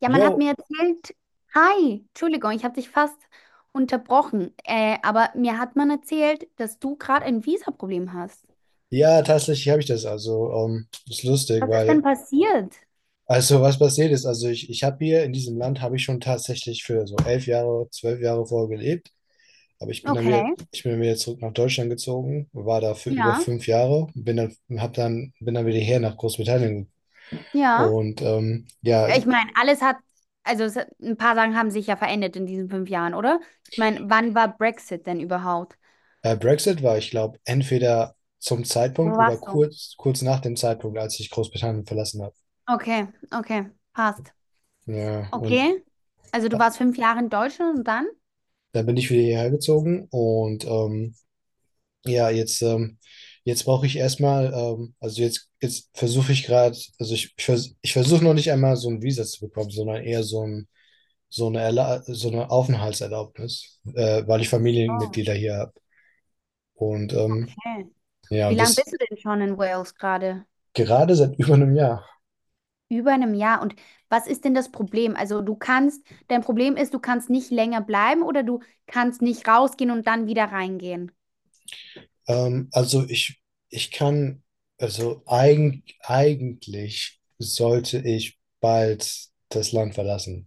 Ja, man Jo, hat mir erzählt, hi, Entschuldigung, ich habe dich fast unterbrochen, aber mir hat man erzählt, dass du gerade ein Visa-Problem hast. ja, tatsächlich habe ich das. Also, ist lustig, Was ist denn weil, passiert? also was passiert ist, also ich habe hier in diesem Land, habe ich schon tatsächlich für so 11 Jahre, 12 Jahre vorher gelebt. Aber ich bin dann wieder, Okay, Ich bin dann wieder zurück nach Deutschland gezogen, war da für über ja, 5 Jahre, und bin dann wieder her nach Großbritannien. ja. Und ja, Ich meine, alles hat, also es, ein paar Sachen haben sich ja verändert in diesen 5 Jahren, oder? Ich meine, wann war Brexit denn überhaupt? Brexit war, ich glaube, entweder zum Zeitpunkt Wo oder warst du? kurz nach dem Zeitpunkt, als ich Großbritannien verlassen habe. Okay, okay, passt. Ja, und Okay, also du äh, warst 5 Jahre in Deutschland und dann? da bin ich wieder hierher gezogen und ja, jetzt, jetzt brauche ich erstmal, also jetzt, jetzt versuche ich gerade, also ich versuche noch nicht einmal so ein Visa zu bekommen, sondern eher so ein, so eine, Erla so eine Aufenthaltserlaubnis, weil ich Ach so, Familienmitglieder hier habe. Und okay. ja, Wie und lange das bist du denn schon in Wales gerade? gerade seit über einem Jahr. Über einem Jahr. Und was ist denn das Problem? Also du kannst, dein Problem ist, du kannst nicht länger bleiben oder du kannst nicht rausgehen und dann wieder reingehen. Also ich kann, also eigentlich sollte ich bald das Land verlassen.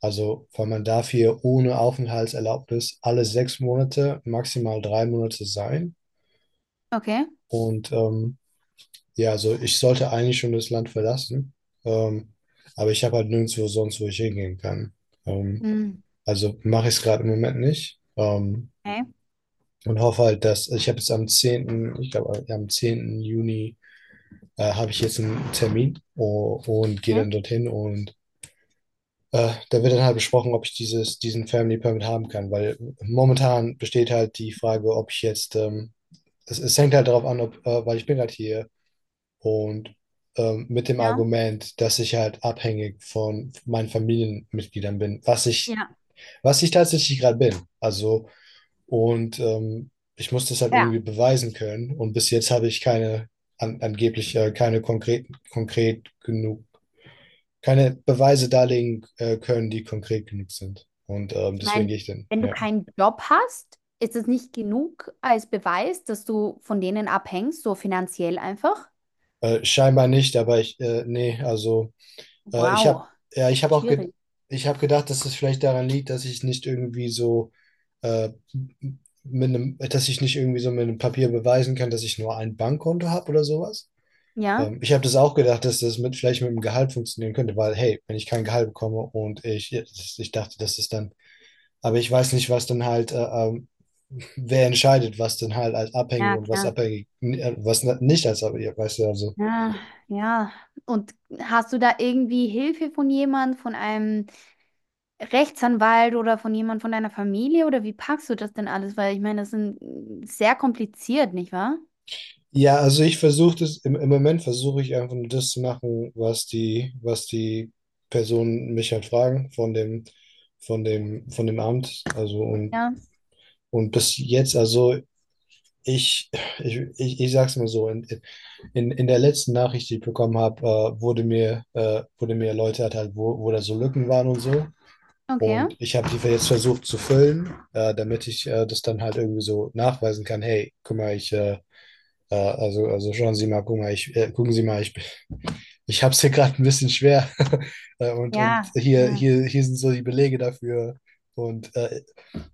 Also, weil man darf hier ohne Aufenthaltserlaubnis alle 6 Monate, maximal 3 Monate sein. Okay. Und ja, also ich sollte eigentlich schon das Land verlassen. Ähm, aber ich habe halt nirgendwo sonst, wo ich hingehen kann. Ähm, Hm. also mache ich es gerade im Moment nicht. Okay, Und hoffe halt, dass also, ich habe jetzt am 10., ich glaube am 10. Juni, habe ich jetzt einen Termin und gehe okay. dann dorthin. Und Da wird dann halt besprochen, ob ich dieses, diesen Family Permit haben kann, weil momentan besteht halt die Frage, ob ich jetzt, es hängt halt darauf an, ob, weil ich bin halt hier und mit dem Ja. Argument, dass ich halt abhängig von meinen Familienmitgliedern bin, was ich, Ja. was ich tatsächlich gerade bin. Also, und ich muss das halt Ja. irgendwie beweisen können und bis jetzt habe ich keine, angeblich keine konkret genug, keine Beweise darlegen können, die konkret genug sind. Und Ich deswegen meine, gehe ich denn, wenn du ja. keinen Job hast, ist es nicht genug als Beweis, dass du von denen abhängst, so finanziell einfach. Scheinbar nicht, aber ich, nee, also ich habe, Wow. ja, ich habe auch, ge Schwierig. ich habe gedacht, dass es vielleicht daran liegt, dass ich nicht irgendwie so, äh, mit einem, dass ich nicht irgendwie so mit einem Papier beweisen kann, dass ich nur ein Bankkonto habe oder sowas. Ja. Ich habe das auch gedacht, dass das mit, vielleicht mit dem Gehalt funktionieren könnte, weil, hey, wenn ich kein Gehalt bekomme und ich dachte, dass das dann. Aber ich weiß nicht, was dann halt, ähm, wer entscheidet, was dann halt als abhängig Ja, und was klar. abhängig, was nicht als abhängig, weißt du, also. Ja, ja. Und hast du da irgendwie Hilfe von jemand, von einem Rechtsanwalt oder von jemand von deiner Familie oder wie packst du das denn alles? Weil ich meine, das sind sehr kompliziert, nicht wahr? Ja, also ich versuche das, im Moment versuche ich einfach nur das zu machen, was die Personen mich halt fragen von dem, von dem Amt. Also und Ja, bis jetzt, also ich, ich sag's mal so, in der letzten Nachricht, die ich bekommen habe, wurde mir erläutert halt, wo da so Lücken waren und so. okay. Und ich habe die jetzt versucht zu füllen, damit ich das dann halt irgendwie so nachweisen kann. Hey, guck mal, ich, also schauen Sie mal, guck mal, ich, gucken Sie mal, ich habe es hier gerade ein bisschen schwer. Und Ja, hier, Ja, hier, hier sind so die Belege dafür. Und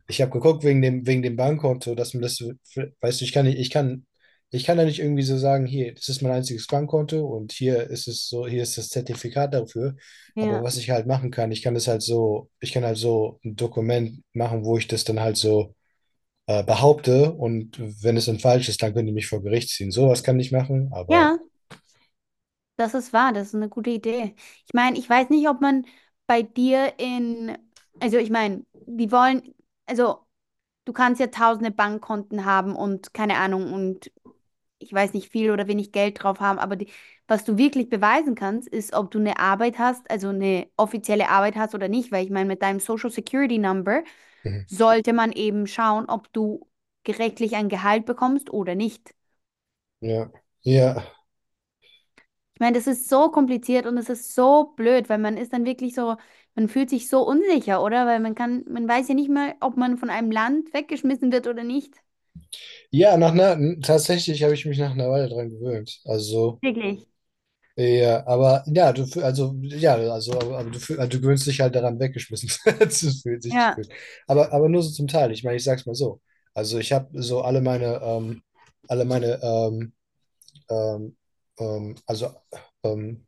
ich habe geguckt wegen dem Bankkonto, dass man das, weißt du, ich kann nicht, ich kann da nicht irgendwie so sagen, hier, das ist mein einziges Bankkonto und hier ist es so, hier ist das Zertifikat dafür. Aber ja, was ich halt machen kann, ich kann das halt so, ich kann halt so ein Dokument machen, wo ich das dann halt so behaupte und wenn es dann falsch ist, dann können die mich vor Gericht ziehen. Sowas kann ich machen, aber. ja, das ist wahr, das ist eine gute Idee. Ich meine, ich weiß nicht, ob man bei dir in, also ich meine, die wollen, also du kannst ja tausende Bankkonten haben und keine Ahnung und ich weiß nicht, viel oder wenig Geld drauf haben, aber die, was du wirklich beweisen kannst, ist, ob du eine Arbeit hast, also eine offizielle Arbeit hast oder nicht, weil ich meine, mit deinem Social Security Number Mhm. sollte man eben schauen, ob du gerechtlich ein Gehalt bekommst oder nicht. ja. Ja. Ich meine, das ist so kompliziert und es ist so blöd, weil man ist dann wirklich so, man fühlt sich so unsicher, oder? Weil man kann, man weiß ja nicht mal, ob man von einem Land weggeschmissen wird oder nicht. Ja, nach einer, tatsächlich habe ich mich nach einer Weile dran gewöhnt. Also, Wirklich. ja, aber ja, also ja, also aber also, du gewöhnst dich halt daran, weggeschmissen zu fühlen, sich zu Ja, fühlen. Aber nur so zum Teil. Ich meine, ich sag's mal so. Also ich habe so alle meine ähm, ähm, also ähm,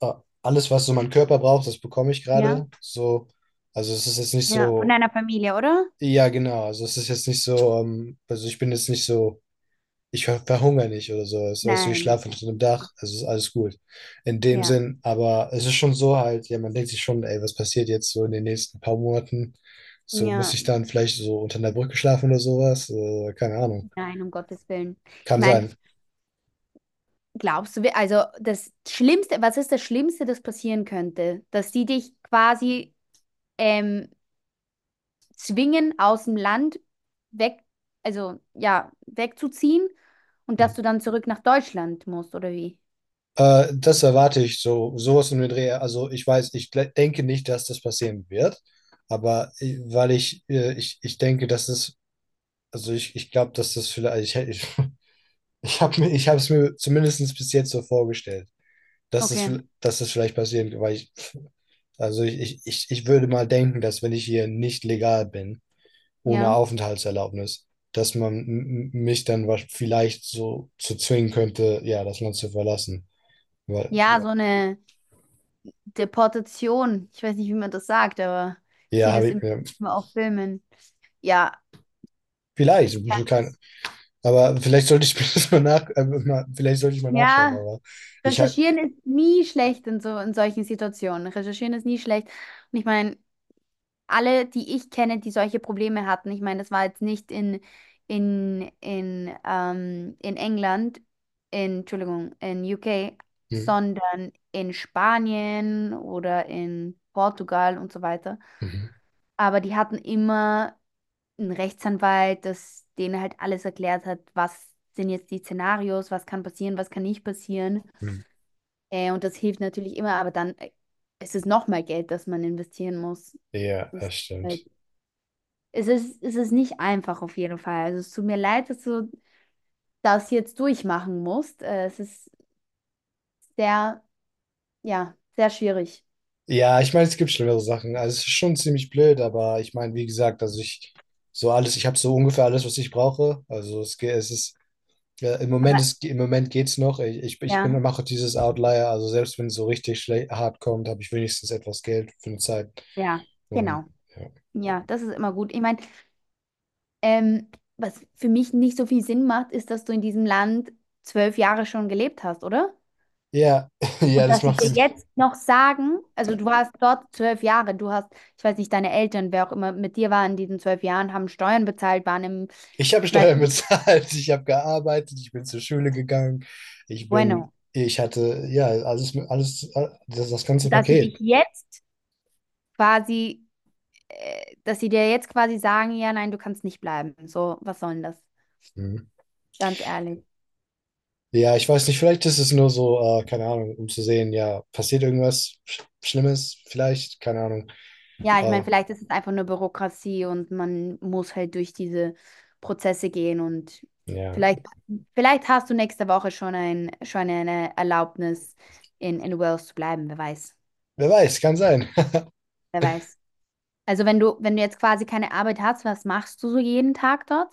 äh, alles, was so mein Körper braucht, das bekomme ich ja, gerade. So, also es ist jetzt nicht ja. Von so. deiner Familie, oder? Ja, genau. Also es ist jetzt nicht so. Also ich bin jetzt nicht so, ich verhungere nicht oder sowas. Weißt du, ich Nein, nein, schlafe unter einem nein. Dach, also ist alles gut. In dem Ja, Sinn, aber es ist schon so halt, ja, man denkt sich schon, ey, was passiert jetzt so in den nächsten paar Monaten? So muss ja. ich dann vielleicht so unter einer Brücke schlafen oder sowas? Keine Ahnung. Nein, um Gottes Willen. Ich Kann meine, sein. glaubst du, wir- also das Schlimmste, was ist das Schlimmste, das passieren könnte? Dass die dich quasi ähm, zwingen, aus dem Land weg, also ja, wegzuziehen und dass du dann zurück nach Deutschland musst, oder wie? Das erwarte ich so, sowas in den Dreh. Also ich weiß, ich denke nicht, dass das passieren wird, aber weil ich, ich denke, dass es, also ich glaube, dass das vielleicht, ich, ich habe es mir zumindest bis jetzt so vorgestellt. Dass es, Okay, dass es vielleicht passiert, weil ich, also ich würde mal denken, dass wenn ich hier nicht legal bin, ohne ja. Aufenthaltserlaubnis, dass man mich dann vielleicht so zu zwingen könnte, ja, das Land zu verlassen. Weil, Ja, ja, so eine Deportation. Ich weiß nicht, wie man das sagt, aber ich ja, sehe das habe ich immer mir, auf Filmen. Ja, es vielleicht, kann, kein, aber vielleicht sollte ich mir das mal nach, mal, vielleicht sollte ich mal nachschauen, ja. aber ich habe. Recherchieren ist nie schlecht in so in solchen Situationen. Recherchieren ist nie schlecht. Und ich meine, alle, die ich kenne, die solche Probleme hatten, ich meine, das war jetzt nicht in in England, in, Entschuldigung, in UK, Hm. sondern in Spanien oder in Portugal und so weiter. Mhm. Aber die hatten immer einen Rechtsanwalt, das denen halt alles erklärt hat, was sind jetzt die Szenarios, was kann passieren, was kann nicht passieren. Hm. Und das hilft natürlich immer, aber dann ist es nochmal Geld, das man investieren muss. Ja, Das ist das halt, stimmt. Es ist nicht einfach auf jeden Fall. Also es tut mir leid, dass du das jetzt durchmachen musst. Es ist sehr, ja, sehr schwierig. Ja, ich meine, es gibt schlimmere Sachen. Also es ist schon ziemlich blöd, aber ich meine, wie gesagt, also ich so alles, ich habe so ungefähr alles, was ich brauche. Also es geht, es ist ja, im Moment Aber ist, im Moment geht's noch. Ich bin ja, mache dieses Outlier, also selbst wenn es so richtig schlecht hart kommt, habe ich wenigstens etwas Geld für eine Zeit. ja, genau. Und Ja, das ist immer gut. Ich meine, ähm, was für mich nicht so viel Sinn macht, ist, dass du in diesem Land 12 Jahre schon gelebt hast, oder? ja, ja, ja, Und das dass sie macht für dir mich. jetzt noch sagen, also du warst dort 12 Jahre, du hast, ich weiß nicht, deine Eltern, wer auch immer mit dir war in diesen 12 Jahren, haben Steuern bezahlt, waren im, Ich habe weißt Steuern du, bezahlt, ich habe gearbeitet, ich bin zur Schule gegangen, ich bin, bueno. ich hatte ja alles, alles, das ganze Dass sie Paket. dich jetzt quasi, dass sie dir jetzt quasi sagen, ja, nein, du kannst nicht bleiben. So, was soll denn das? Mhm. Ganz ehrlich. Ja, ich weiß nicht, vielleicht ist es nur so, keine Ahnung, um zu sehen, ja, passiert irgendwas Schlimmes, vielleicht, keine Ahnung. Ja, ich Äh, meine, vielleicht ist es einfach nur Bürokratie und man muss halt durch diese Prozesse gehen und ja, vielleicht, vielleicht hast du nächste Woche schon ein, schon eine Erlaubnis, in Wales zu bleiben, wer weiß. wer weiß, kann sein. Wer weiß. Also wenn du, wenn du jetzt quasi keine Arbeit hast, was machst du so jeden Tag dort?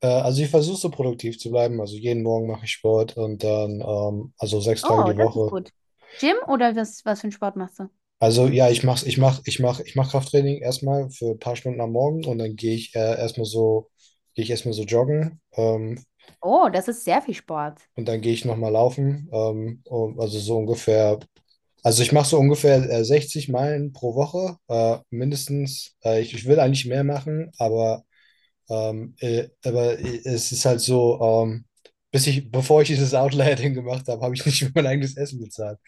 Also ich versuche so produktiv zu bleiben. Also jeden Morgen mache ich Sport und dann, also 6 Tage Oh, die das ist Woche. gut. Gym oder was, was für einen Sport machst du? Also ja, ich mach's, ich mach, ich mach, ich mach Krafttraining erstmal für ein paar Stunden am Morgen und dann gehe ich erstmal so, joggen, Oh, das ist sehr viel Sport. und dann gehe ich nochmal laufen. Um, also ich mache so ungefähr 60 Meilen pro Woche, mindestens. Ich will eigentlich mehr machen, aber, aber es ist halt so, bis ich, bevor ich dieses Outlier-Ding gemacht habe, habe ich nicht für mein eigenes Essen bezahlt.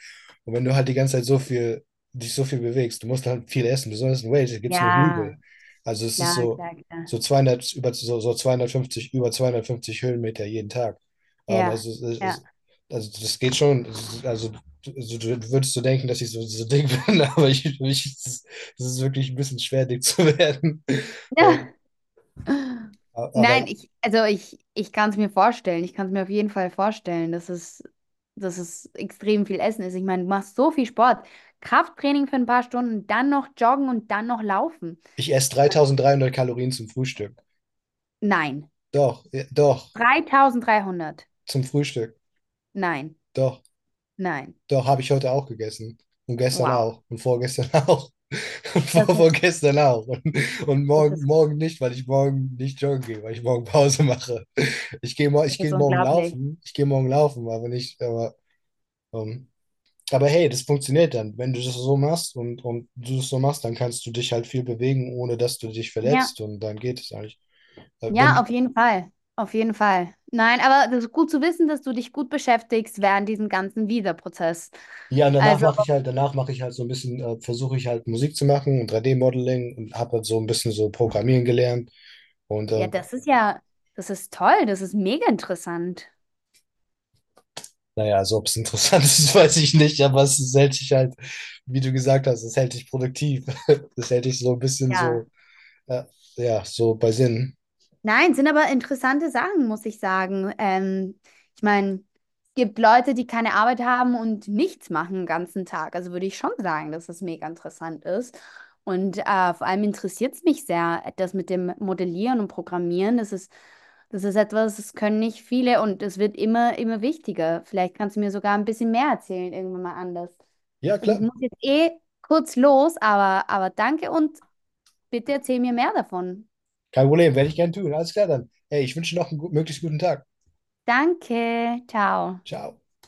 Und wenn du halt die ganze Zeit so viel, dich so viel bewegst, du musst halt viel essen. Besonders in Wales gibt es nur Ja, Hügel. Also es ist klar, so, klar, klar. so 200, über, so, so 250, über 250 Höhenmeter jeden Tag. Ja, Also, ja. Also das geht schon. Also du würdest so denken, dass ich so, so dick bin, aber es ist es ist wirklich ein bisschen schwer, dick zu werden. Ähm, Nein, aber ich, also ich kann es mir vorstellen. Ich kann es mir auf jeden Fall vorstellen, dass es extrem viel Essen ist. Ich meine, du machst so viel Sport. Krafttraining für ein paar Stunden, dann noch joggen und dann noch laufen. ich esse 3300 Kalorien zum Frühstück. Nein. Doch, ja, doch, 3300. zum Frühstück. Nein, Doch. nein. Doch, habe ich heute auch gegessen. Und gestern Wow. auch. Und vorgestern auch. Und Das ist, vorgestern auch. und, das morgen, ist, morgen nicht, weil ich morgen nicht joggen gehe, weil ich morgen Pause mache. Ich das ist gehe morgen unglaublich. laufen. Ich gehe morgen laufen, aber nicht. Ähm, aber hey, das funktioniert dann. Wenn du das so machst und du das so machst, dann kannst du dich halt viel bewegen, ohne dass du dich Ja. verletzt. Und dann geht es eigentlich. Wenn, Ja, du- auf jeden Fall. Auf jeden Fall. Nein, aber das ist gut zu wissen, dass du dich gut beschäftigst während diesem ganzen Visa-Prozess. Ja, und Also, danach mache ich halt so ein bisschen, versuche ich halt Musik zu machen und 3D-Modeling, und habe halt so ein bisschen so Programmieren gelernt. Und ja, das ist ja, das ist toll, das ist mega interessant. naja, also ob es interessant ist, weiß ich nicht, aber es hält dich halt, wie du gesagt hast, es hält dich produktiv. Das hält dich so ein bisschen Ja. so, äh, ja, so bei Sinn. Nein, sind aber interessante Sachen, muss ich sagen. Ich meine, es gibt Leute, die keine Arbeit haben und nichts machen den ganzen Tag. Also würde ich schon sagen, dass das mega interessant ist. Und vor allem interessiert es mich sehr, das mit dem Modellieren und Programmieren. Das ist etwas, das können nicht viele und es wird immer, immer wichtiger. Vielleicht kannst du mir sogar ein bisschen mehr erzählen, irgendwann mal anders. Ja, Also klar. ich muss jetzt eh kurz los, aber danke und bitte erzähl mir mehr davon. Kein Problem, werde ich gern tun. Alles klar dann. Ey, ich wünsche noch einen möglichst guten Tag. Danke, ciao. Ciao.